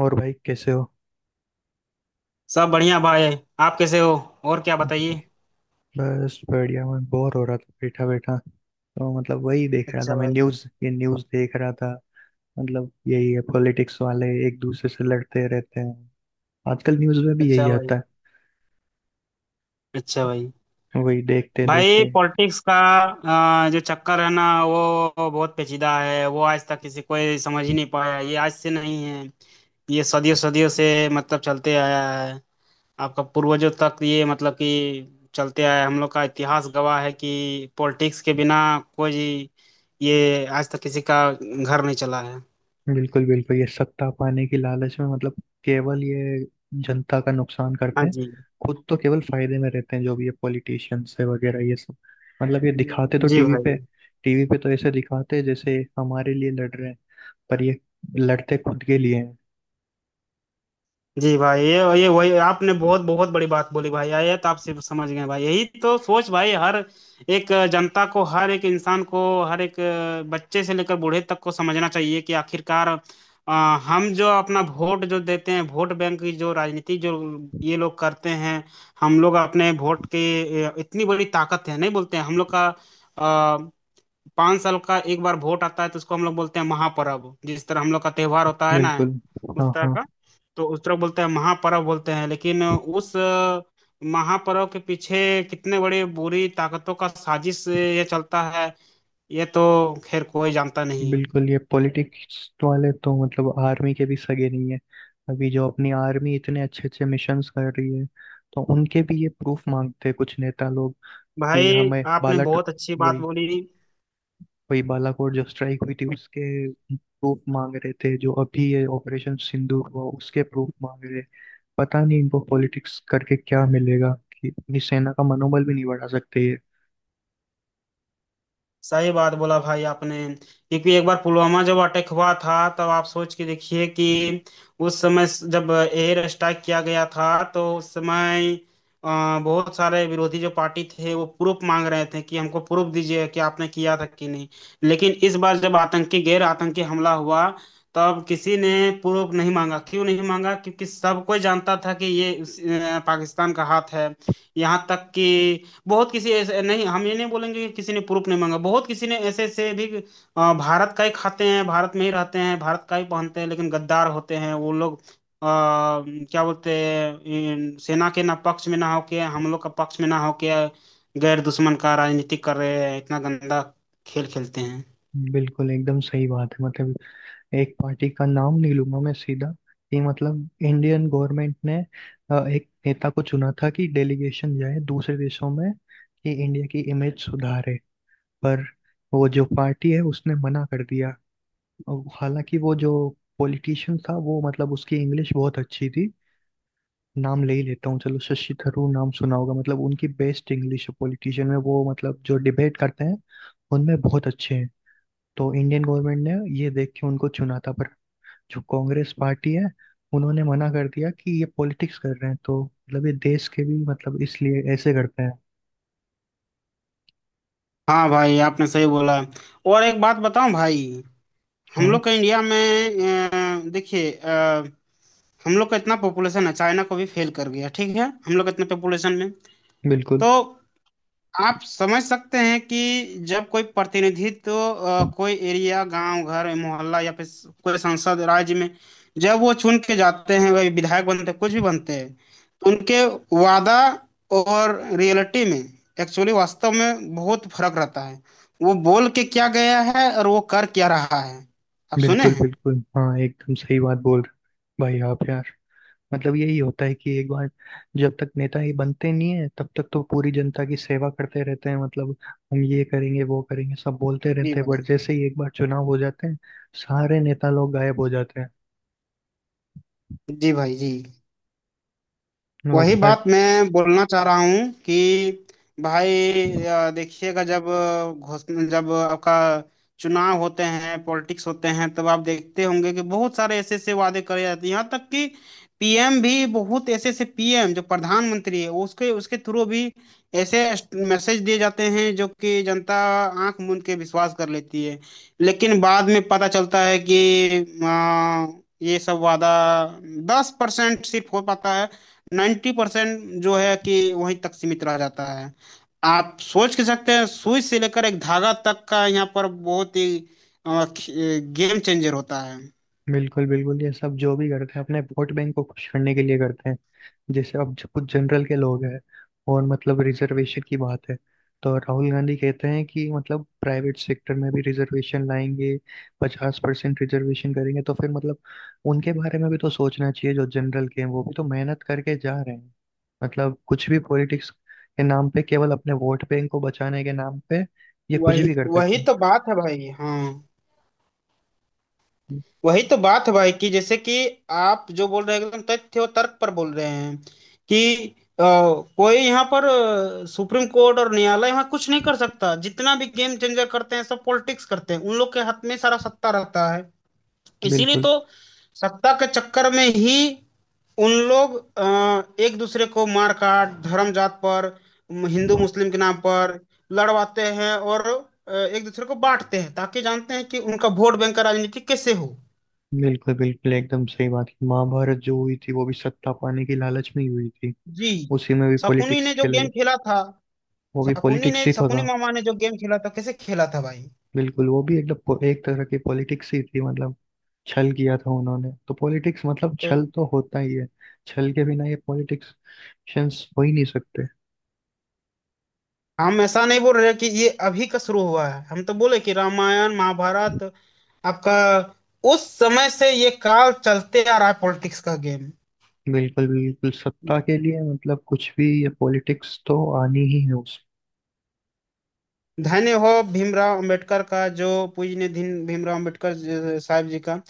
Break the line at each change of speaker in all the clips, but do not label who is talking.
और भाई कैसे हो?
सब बढ़िया भाई। आप कैसे हो। और क्या बताइए।
बस बढ़िया। मैं बोर हो रहा था बैठा बैठा, तो मतलब वही देख रहा था,
अच्छा
मैं
भाई।
न्यूज़ देख रहा था। मतलब यही है, पॉलिटिक्स वाले एक दूसरे से लड़ते रहते हैं। आजकल न्यूज़ में भी
अच्छा
यही
भाई।
आता
अच्छा भाई।
है। वही देखते
भाई
देखते।
पॉलिटिक्स का जो चक्कर है ना वो बहुत पेचीदा है। वो आज तक किसी कोई समझ ही नहीं पाया। ये आज से नहीं है। ये सदियों सदियों से मतलब चलते आया है। आपका पूर्वजों तक ये मतलब कि चलते आया है। हम लोग का इतिहास गवाह है कि पॉलिटिक्स के बिना कोई ये आज तक किसी का घर नहीं चला है।
बिल्कुल, बिल्कुल, ये सत्ता पाने की लालच में मतलब केवल ये जनता का नुकसान करते
हाँ
हैं।
जी।
खुद तो केवल फायदे में रहते हैं, जो भी ये पॉलिटिशियंस है वगैरह ये सब। मतलब ये दिखाते तो
जी
टीवी पे,
भाई।
टीवी पे तो ऐसे दिखाते हैं जैसे हमारे लिए लड़ रहे हैं, पर ये लड़ते खुद के लिए हैं।
जी भाई ये वही आपने बहुत बहुत बड़ी बात बोली भाई। ये तो आप सिर्फ समझ गए भाई। यही तो सोच भाई। हर एक जनता को हर एक इंसान को हर एक बच्चे से लेकर बूढ़े तक को समझना चाहिए कि आखिरकार अ, हम जो अपना वोट जो देते हैं वोट बैंक की जो राजनीति जो ये लोग करते हैं। हम लोग अपने वोट के इतनी बड़ी ताकत है नहीं बोलते हैं हम लोग का। 5 साल का एक बार वोट आता है तो उसको हम लोग बोलते हैं महापर्व, जिस तरह हम लोग का त्योहार होता है ना
बिल्कुल। हाँ,
उस तरह
हाँ।
का। तो उस तरह बोलते हैं महापर्व बोलते हैं। लेकिन उस महापर्व के पीछे कितने बड़े बुरी ताकतों का साजिश ये चलता है। ये तो खैर कोई जानता नहीं है।
बिल्कुल, ये पॉलिटिक्स वाले तो मतलब आर्मी के भी सगे नहीं है। अभी जो अपनी आर्मी इतने अच्छे अच्छे मिशंस कर रही है, तो उनके भी ये प्रूफ मांगते हैं कुछ नेता लोग कि
भाई
हमें
आपने
बाला
बहुत अच्छी बात
वही,
बोली।
वही बालाकोट जो स्ट्राइक हुई थी उसके प्रूफ मांग रहे थे, जो अभी ये ऑपरेशन सिंदूर हुआ उसके प्रूफ मांग रहे। पता नहीं इनको पॉलिटिक्स करके क्या मिलेगा, कि अपनी सेना का मनोबल भी नहीं बढ़ा सकते ये।
सही बात बोला भाई आपने क्योंकि एक बार पुलवामा जब अटैक हुआ था तब आप सोच के देखिए कि उस समय जब एयर स्ट्राइक किया गया था तो उस समय अ, बहुत सारे विरोधी जो पार्टी थे वो प्रूफ मांग रहे थे कि हमको प्रूफ दीजिए कि आपने किया था कि नहीं। लेकिन इस बार जब आतंकी गैर आतंकी हमला हुआ तब किसी ने प्रूफ नहीं मांगा। क्यों नहीं मांगा? क्योंकि सब कोई जानता था कि ये पाकिस्तान का हाथ है। यहाँ तक कि बहुत किसी ऐसे नहीं। हम ये नहीं बोलेंगे कि किसी ने प्रूफ नहीं मांगा। बहुत किसी ने ऐसे ऐसे भी भारत का ही खाते हैं भारत में ही रहते हैं भारत का ही पहनते हैं लेकिन गद्दार होते हैं वो लोग। क्या बोलते हैं सेना के ना पक्ष में ना होके हम लोग का पक्ष में ना होके गैर दुश्मन का राजनीति कर रहे हैं। इतना गंदा खेल खेलते हैं।
बिल्कुल एकदम सही बात है, मतलब एक पार्टी का नाम नहीं लूंगा मैं सीधा, कि मतलब इंडियन गवर्नमेंट ने एक नेता को चुना था कि डेलीगेशन जाए दूसरे देशों में, कि इंडिया की इमेज सुधारे। पर वो जो पार्टी है उसने मना कर दिया। और हालांकि वो जो पॉलिटिशियन था, वो मतलब उसकी इंग्लिश बहुत अच्छी थी। नाम ले ही लेता हूँ, चलो, शशि थरूर, नाम सुना होगा, मतलब उनकी बेस्ट इंग्लिश है पॉलिटिशियन में, वो मतलब जो डिबेट करते हैं उनमें बहुत अच्छे हैं। तो इंडियन गवर्नमेंट ने ये देख के उनको चुना था, पर जो कांग्रेस पार्टी है उन्होंने मना कर दिया कि ये पॉलिटिक्स कर रहे हैं, तो मतलब ये देश के भी मतलब इसलिए ऐसे करते हैं।
हाँ भाई आपने सही बोला। और एक बात बताऊं भाई। हम
हाँ।
लोग का इंडिया में देखिए हम लोग का इतना पॉपुलेशन है चाइना को भी फेल कर गया। ठीक है हम लोग इतने पॉपुलेशन में।
बिल्कुल,
तो आप समझ सकते हैं कि जब कोई प्रतिनिधित्व कोई एरिया गांव घर मोहल्ला या फिर कोई सांसद राज्य में जब वो चुन के जाते हैं वही विधायक बनते हैं कुछ भी बनते हैं तो उनके वादा और रियलिटी में एक्चुअली वास्तव में बहुत फर्क रहता है। वो बोल के क्या गया है और वो कर क्या रहा है। आप सुने
बिल्कुल,
हैं।
बिल्कुल, हाँ, एकदम सही बात बोल रहे हो, भाई आप यार। मतलब यही होता है कि एक बार, जब तक नेता ही बनते नहीं है तब तक तो पूरी जनता की सेवा करते रहते हैं, मतलब हम ये करेंगे वो करेंगे सब बोलते
जी
रहते हैं,
भाई।
बट जैसे ही एक बार चुनाव हो जाते हैं सारे नेता लोग गायब हो जाते हैं।
जी भाई जी।
और
वही
हर।
बात मैं बोलना चाह रहा हूँ कि भाई देखिएगा जब घोषणा जब आपका चुनाव होते हैं पॉलिटिक्स होते हैं तब आप देखते होंगे कि बहुत सारे ऐसे ऐसे वादे करे जाते हैं। यहाँ तक कि पीएम भी बहुत ऐसे ऐसे पीएम जो प्रधानमंत्री है उसके उसके थ्रू भी ऐसे मैसेज दिए जाते हैं जो कि जनता आंख मूंद के विश्वास कर लेती है। लेकिन बाद में पता चलता है कि ये सब वादा 10% सिर्फ हो पाता है। 90% जो है कि वहीं तक सीमित रह जाता है। आप सोच के सकते हैं सुई से लेकर एक धागा तक का यहाँ पर बहुत ही गेम चेंजर होता है।
बिल्कुल, बिल्कुल, ये सब जो भी करते हैं अपने वोट बैंक को खुश करने के लिए करते हैं। जैसे अब जो कुछ जनरल के लोग हैं, और मतलब रिजर्वेशन की बात है, तो राहुल गांधी कहते हैं कि मतलब प्राइवेट सेक्टर में भी रिजर्वेशन लाएंगे, 50% रिजर्वेशन करेंगे, तो फिर मतलब उनके बारे में भी तो सोचना चाहिए, जो जनरल के हैं वो भी तो मेहनत करके जा रहे हैं। मतलब कुछ भी पॉलिटिक्स के नाम पे, केवल अपने वोट बैंक को बचाने के नाम पे ये कुछ
वही
भी कर
वही
देते
तो बात है भाई। हाँ
हैं।
वही तो बात है भाई कि जैसे कि आप जो बोल रहे हैं एकदम तथ्य और तर्क पर बोल रहे हैं कि कोई यहाँ पर सुप्रीम कोर्ट और न्यायालय यहाँ कुछ नहीं कर सकता। जितना भी गेम चेंजर करते हैं सब पॉलिटिक्स करते हैं उन लोग के हाथ में सारा सत्ता रहता है। इसीलिए
बिल्कुल,
तो सत्ता के चक्कर में ही उन लोग एक दूसरे को मार काट धर्म जात पर हिंदू मुस्लिम के नाम पर लड़वाते हैं और एक दूसरे को बांटते हैं ताकि जानते हैं कि उनका वोट बैंक का राजनीति कैसे हो।
बिल्कुल, बिल्कुल एकदम सही बात, महाभारत जो हुई थी वो भी सत्ता पाने की लालच में ही हुई थी।
जी।
उसी में भी
शकुनी
पॉलिटिक्स
ने जो
खेला गया,
गेम खेला था।
वो भी पॉलिटिक्स ही तो
शकुनी
था।
मामा ने जो गेम खेला था कैसे खेला था भाई।
बिल्कुल, वो भी एकदम एक तरह की पॉलिटिक्स ही थी, मतलब छल किया था उन्होंने, तो पॉलिटिक्स मतलब
तो
छल तो होता ही है। छल के बिना ये पॉलिटिक्स हो ही नहीं सकते।
हम ऐसा नहीं बोल रहे कि ये अभी का शुरू हुआ है। हम तो बोले कि रामायण महाभारत आपका उस समय से ये काल चलते आ रहा है पॉलिटिक्स का गेम
बिल्कुल, बिल्कुल, सत्ता
में।
के लिए मतलब कुछ भी ये पॉलिटिक्स तो आनी ही है उस।
धन्य हो भीमराव अंबेडकर का जो पूजनीय दिन भीमराव अंबेडकर साहब जी का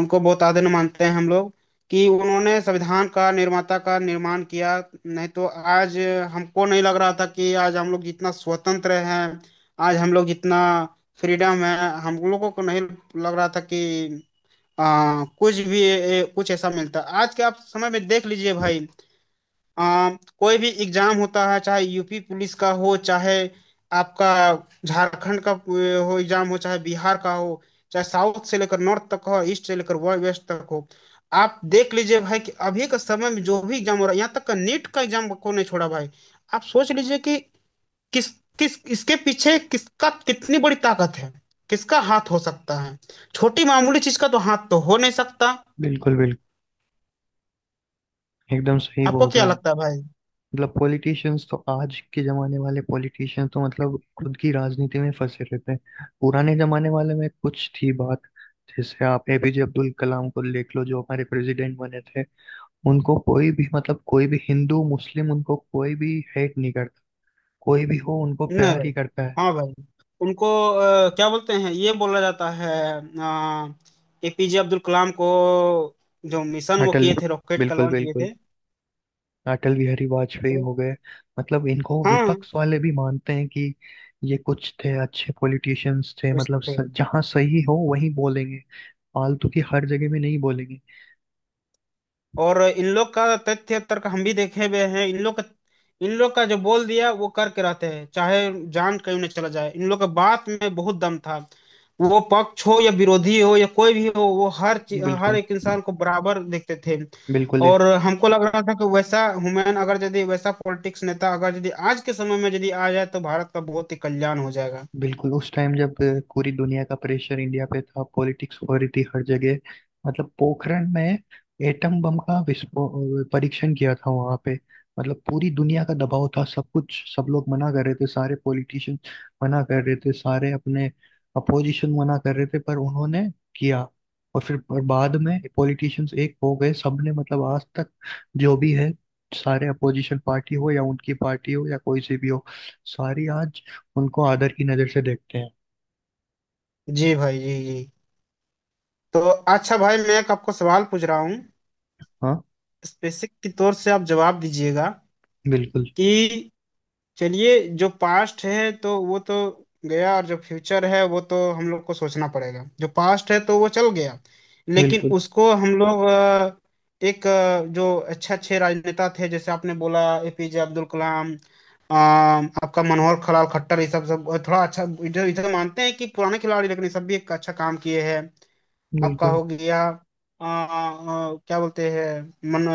उनको बहुत आदर मानते हैं हम लोग कि उन्होंने संविधान का निर्माता का निर्माण किया। नहीं तो आज हमको नहीं लग रहा था कि आज हम लोग जितना स्वतंत्र हैं आज हम लोग जितना फ्रीडम है हम लोगों को नहीं लग रहा था कि कुछ भी कुछ ऐसा मिलता। आज के आप समय में देख लीजिए भाई। आ, कोई भी एग्जाम होता है चाहे यूपी पुलिस का हो चाहे आपका झारखंड का हो एग्जाम हो चाहे बिहार का हो चाहे साउथ से लेकर नॉर्थ तक हो ईस्ट से लेकर वेस्ट तक हो। आप देख लीजिए भाई कि अभी के समय में जो भी एग्जाम हो रहा है यहाँ तक का नीट का एग्जाम को नहीं छोड़ा भाई। आप सोच लीजिए कि किस किस इसके पीछे किसका कितनी बड़ी ताकत है किसका हाथ हो सकता है। छोटी मामूली चीज का तो हाथ तो हो नहीं सकता।
बिल्कुल, बिल्कुल, एकदम सही
आपको
बोल रहे
क्या
हैं।
लगता है भाई?
मतलब पॉलिटिशियंस तो, आज के जमाने वाले पॉलिटिशियंस तो मतलब खुद की राजनीति में फंसे रहते हैं, पुराने जमाने वाले में कुछ थी बात। जैसे आप एपीजे अब्दुल कलाम को देख लो, जो हमारे प्रेसिडेंट बने थे, उनको कोई भी, मतलब कोई भी हिंदू मुस्लिम, उनको कोई भी हेट नहीं करता। कोई भी हो उनको
नहीं
प्यार
भाई।
ही करता है।
हाँ भाई। उनको क्या बोलते हैं ये बोला जाता है एपीजे अब्दुल कलाम को जो मिशन वो
अटल,
किए थे रॉकेट का
बिल्कुल,
लॉन्च किए
बिल्कुल,
थे।
अटल बिहारी वाजपेयी
तो
हो गए। मतलब इनको
हाँ
विपक्ष वाले भी मानते हैं कि ये कुछ थे अच्छे पॉलिटिशियंस थे,
कुछ
मतलब
थे।
जहाँ सही हो वहीं बोलेंगे, फालतू की हर जगह में नहीं बोलेंगे।
और इन लोग का तथ्य तर्क हम भी देखे हुए हैं इन लोग का जो बोल दिया वो करके रहते हैं चाहे जान क्यों न चला जाए। इन लोग का बात में बहुत दम था वो पक्ष हो या विरोधी हो या कोई भी हो वो हर
बिल्कुल,
एक इंसान को बराबर देखते थे।
बिल्कुल,
और हमको लग रहा था कि वैसा हुमायूं अगर यदि वैसा पॉलिटिक्स नेता अगर यदि आज के समय में यदि आ जाए तो भारत का बहुत ही कल्याण हो जाएगा।
बिल्कुल उस टाइम जब पूरी दुनिया का प्रेशर इंडिया पे था, पॉलिटिक्स हो रही थी हर जगह। मतलब पोखरण में एटम बम का विस्फोट परीक्षण किया था वहां पे। मतलब पूरी दुनिया का दबाव था, सब कुछ, सब लोग मना कर रहे थे, सारे पॉलिटिशियन मना कर रहे थे, सारे अपने अपोजिशन मना कर रहे थे, पर उन्होंने किया। और फिर, पर बाद में पॉलिटिशियंस एक हो गए, सबने मतलब आज तक जो भी है, सारे अपोजिशन पार्टी हो या उनकी पार्टी हो या कोई सी भी हो, सारी आज उनको आदर की नजर से देखते हैं।
जी भाई जी जी। तो अच्छा भाई मैं एक आपको सवाल पूछ रहा हूँ
हाँ।
स्पेसिफिक के तौर से आप जवाब दीजिएगा
बिल्कुल,
कि चलिए जो पास्ट है तो वो तो गया। और जो फ्यूचर है वो तो हम लोग को सोचना पड़ेगा। जो पास्ट है तो वो चल गया। लेकिन
बिल्कुल,
उसको हम लोग एक जो अच्छे अच्छे राजनेता थे जैसे आपने बोला एपीजे अब्दुल कलाम, अ, आपका मनोहर खलाल खट्टर ये सब सब थोड़ा अच्छा इधर इधर मानते हैं कि पुराने खिलाड़ी। लेकिन ये सब भी एक अच्छा काम किए हैं। आपका
बिल्कुल,
हो गया क्या बोलते हैं मन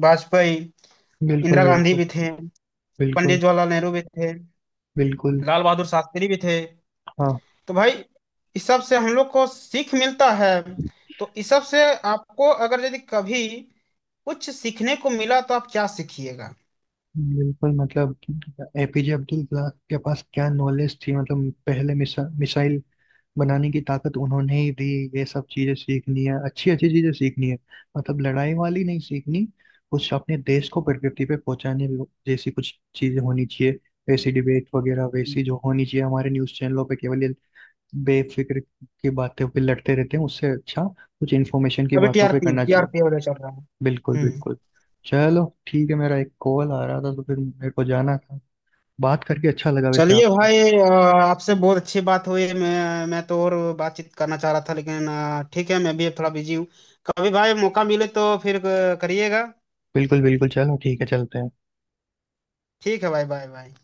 अ, वाजपेयी।
बिल्कुल,
इंदिरा गांधी
बिल्कुल,
भी थे। पंडित
बिल्कुल,
जवाहरलाल नेहरू भी थे।
बिल्कुल,
लाल बहादुर शास्त्री भी थे।
हाँ।
तो भाई इस सब से हम लोग को सीख मिलता है। तो इस सब से आपको अगर यदि कभी कुछ सीखने को मिला तो आप क्या सीखिएगा?
बिल्कुल, मतलब एपीजे अब्दुल कलाम के पास क्या नॉलेज थी, मतलब पहले मिसाइल बनाने की ताकत उन्होंने ही दी। ये सब चीजें सीखनी है, अच्छी अच्छी चीजें सीखनी है, मतलब लड़ाई वाली नहीं सीखनी। कुछ अपने देश को प्रगति पे पहुंचाने जैसी कुछ चीजें होनी चाहिए, वैसी डिबेट वगैरह वैसी जो होनी चाहिए हमारे न्यूज चैनलों पे। केवल ये बेफिक्र की बातें पे लड़ते रहते हैं, उससे अच्छा कुछ इन्फॉर्मेशन की
अभी
बातों पे
टीआरपी
करना चाहिए।
टीआरपी वाले चल रहा है।
बिल्कुल,
हम्म।
बिल्कुल, चलो ठीक है, मेरा एक कॉल आ रहा था तो फिर मेरे को जाना था। बात करके अच्छा लगा वैसे
चलिए
आपसे।
भाई आपसे बहुत अच्छी बात हुई। मैं तो और बातचीत करना चाह रहा था लेकिन ठीक है मैं भी थोड़ा बिजी हूँ। कभी भाई मौका मिले तो फिर करिएगा।
बिल्कुल, बिल्कुल, चलो ठीक है, चलते हैं।
ठीक है भाई बाय बाय।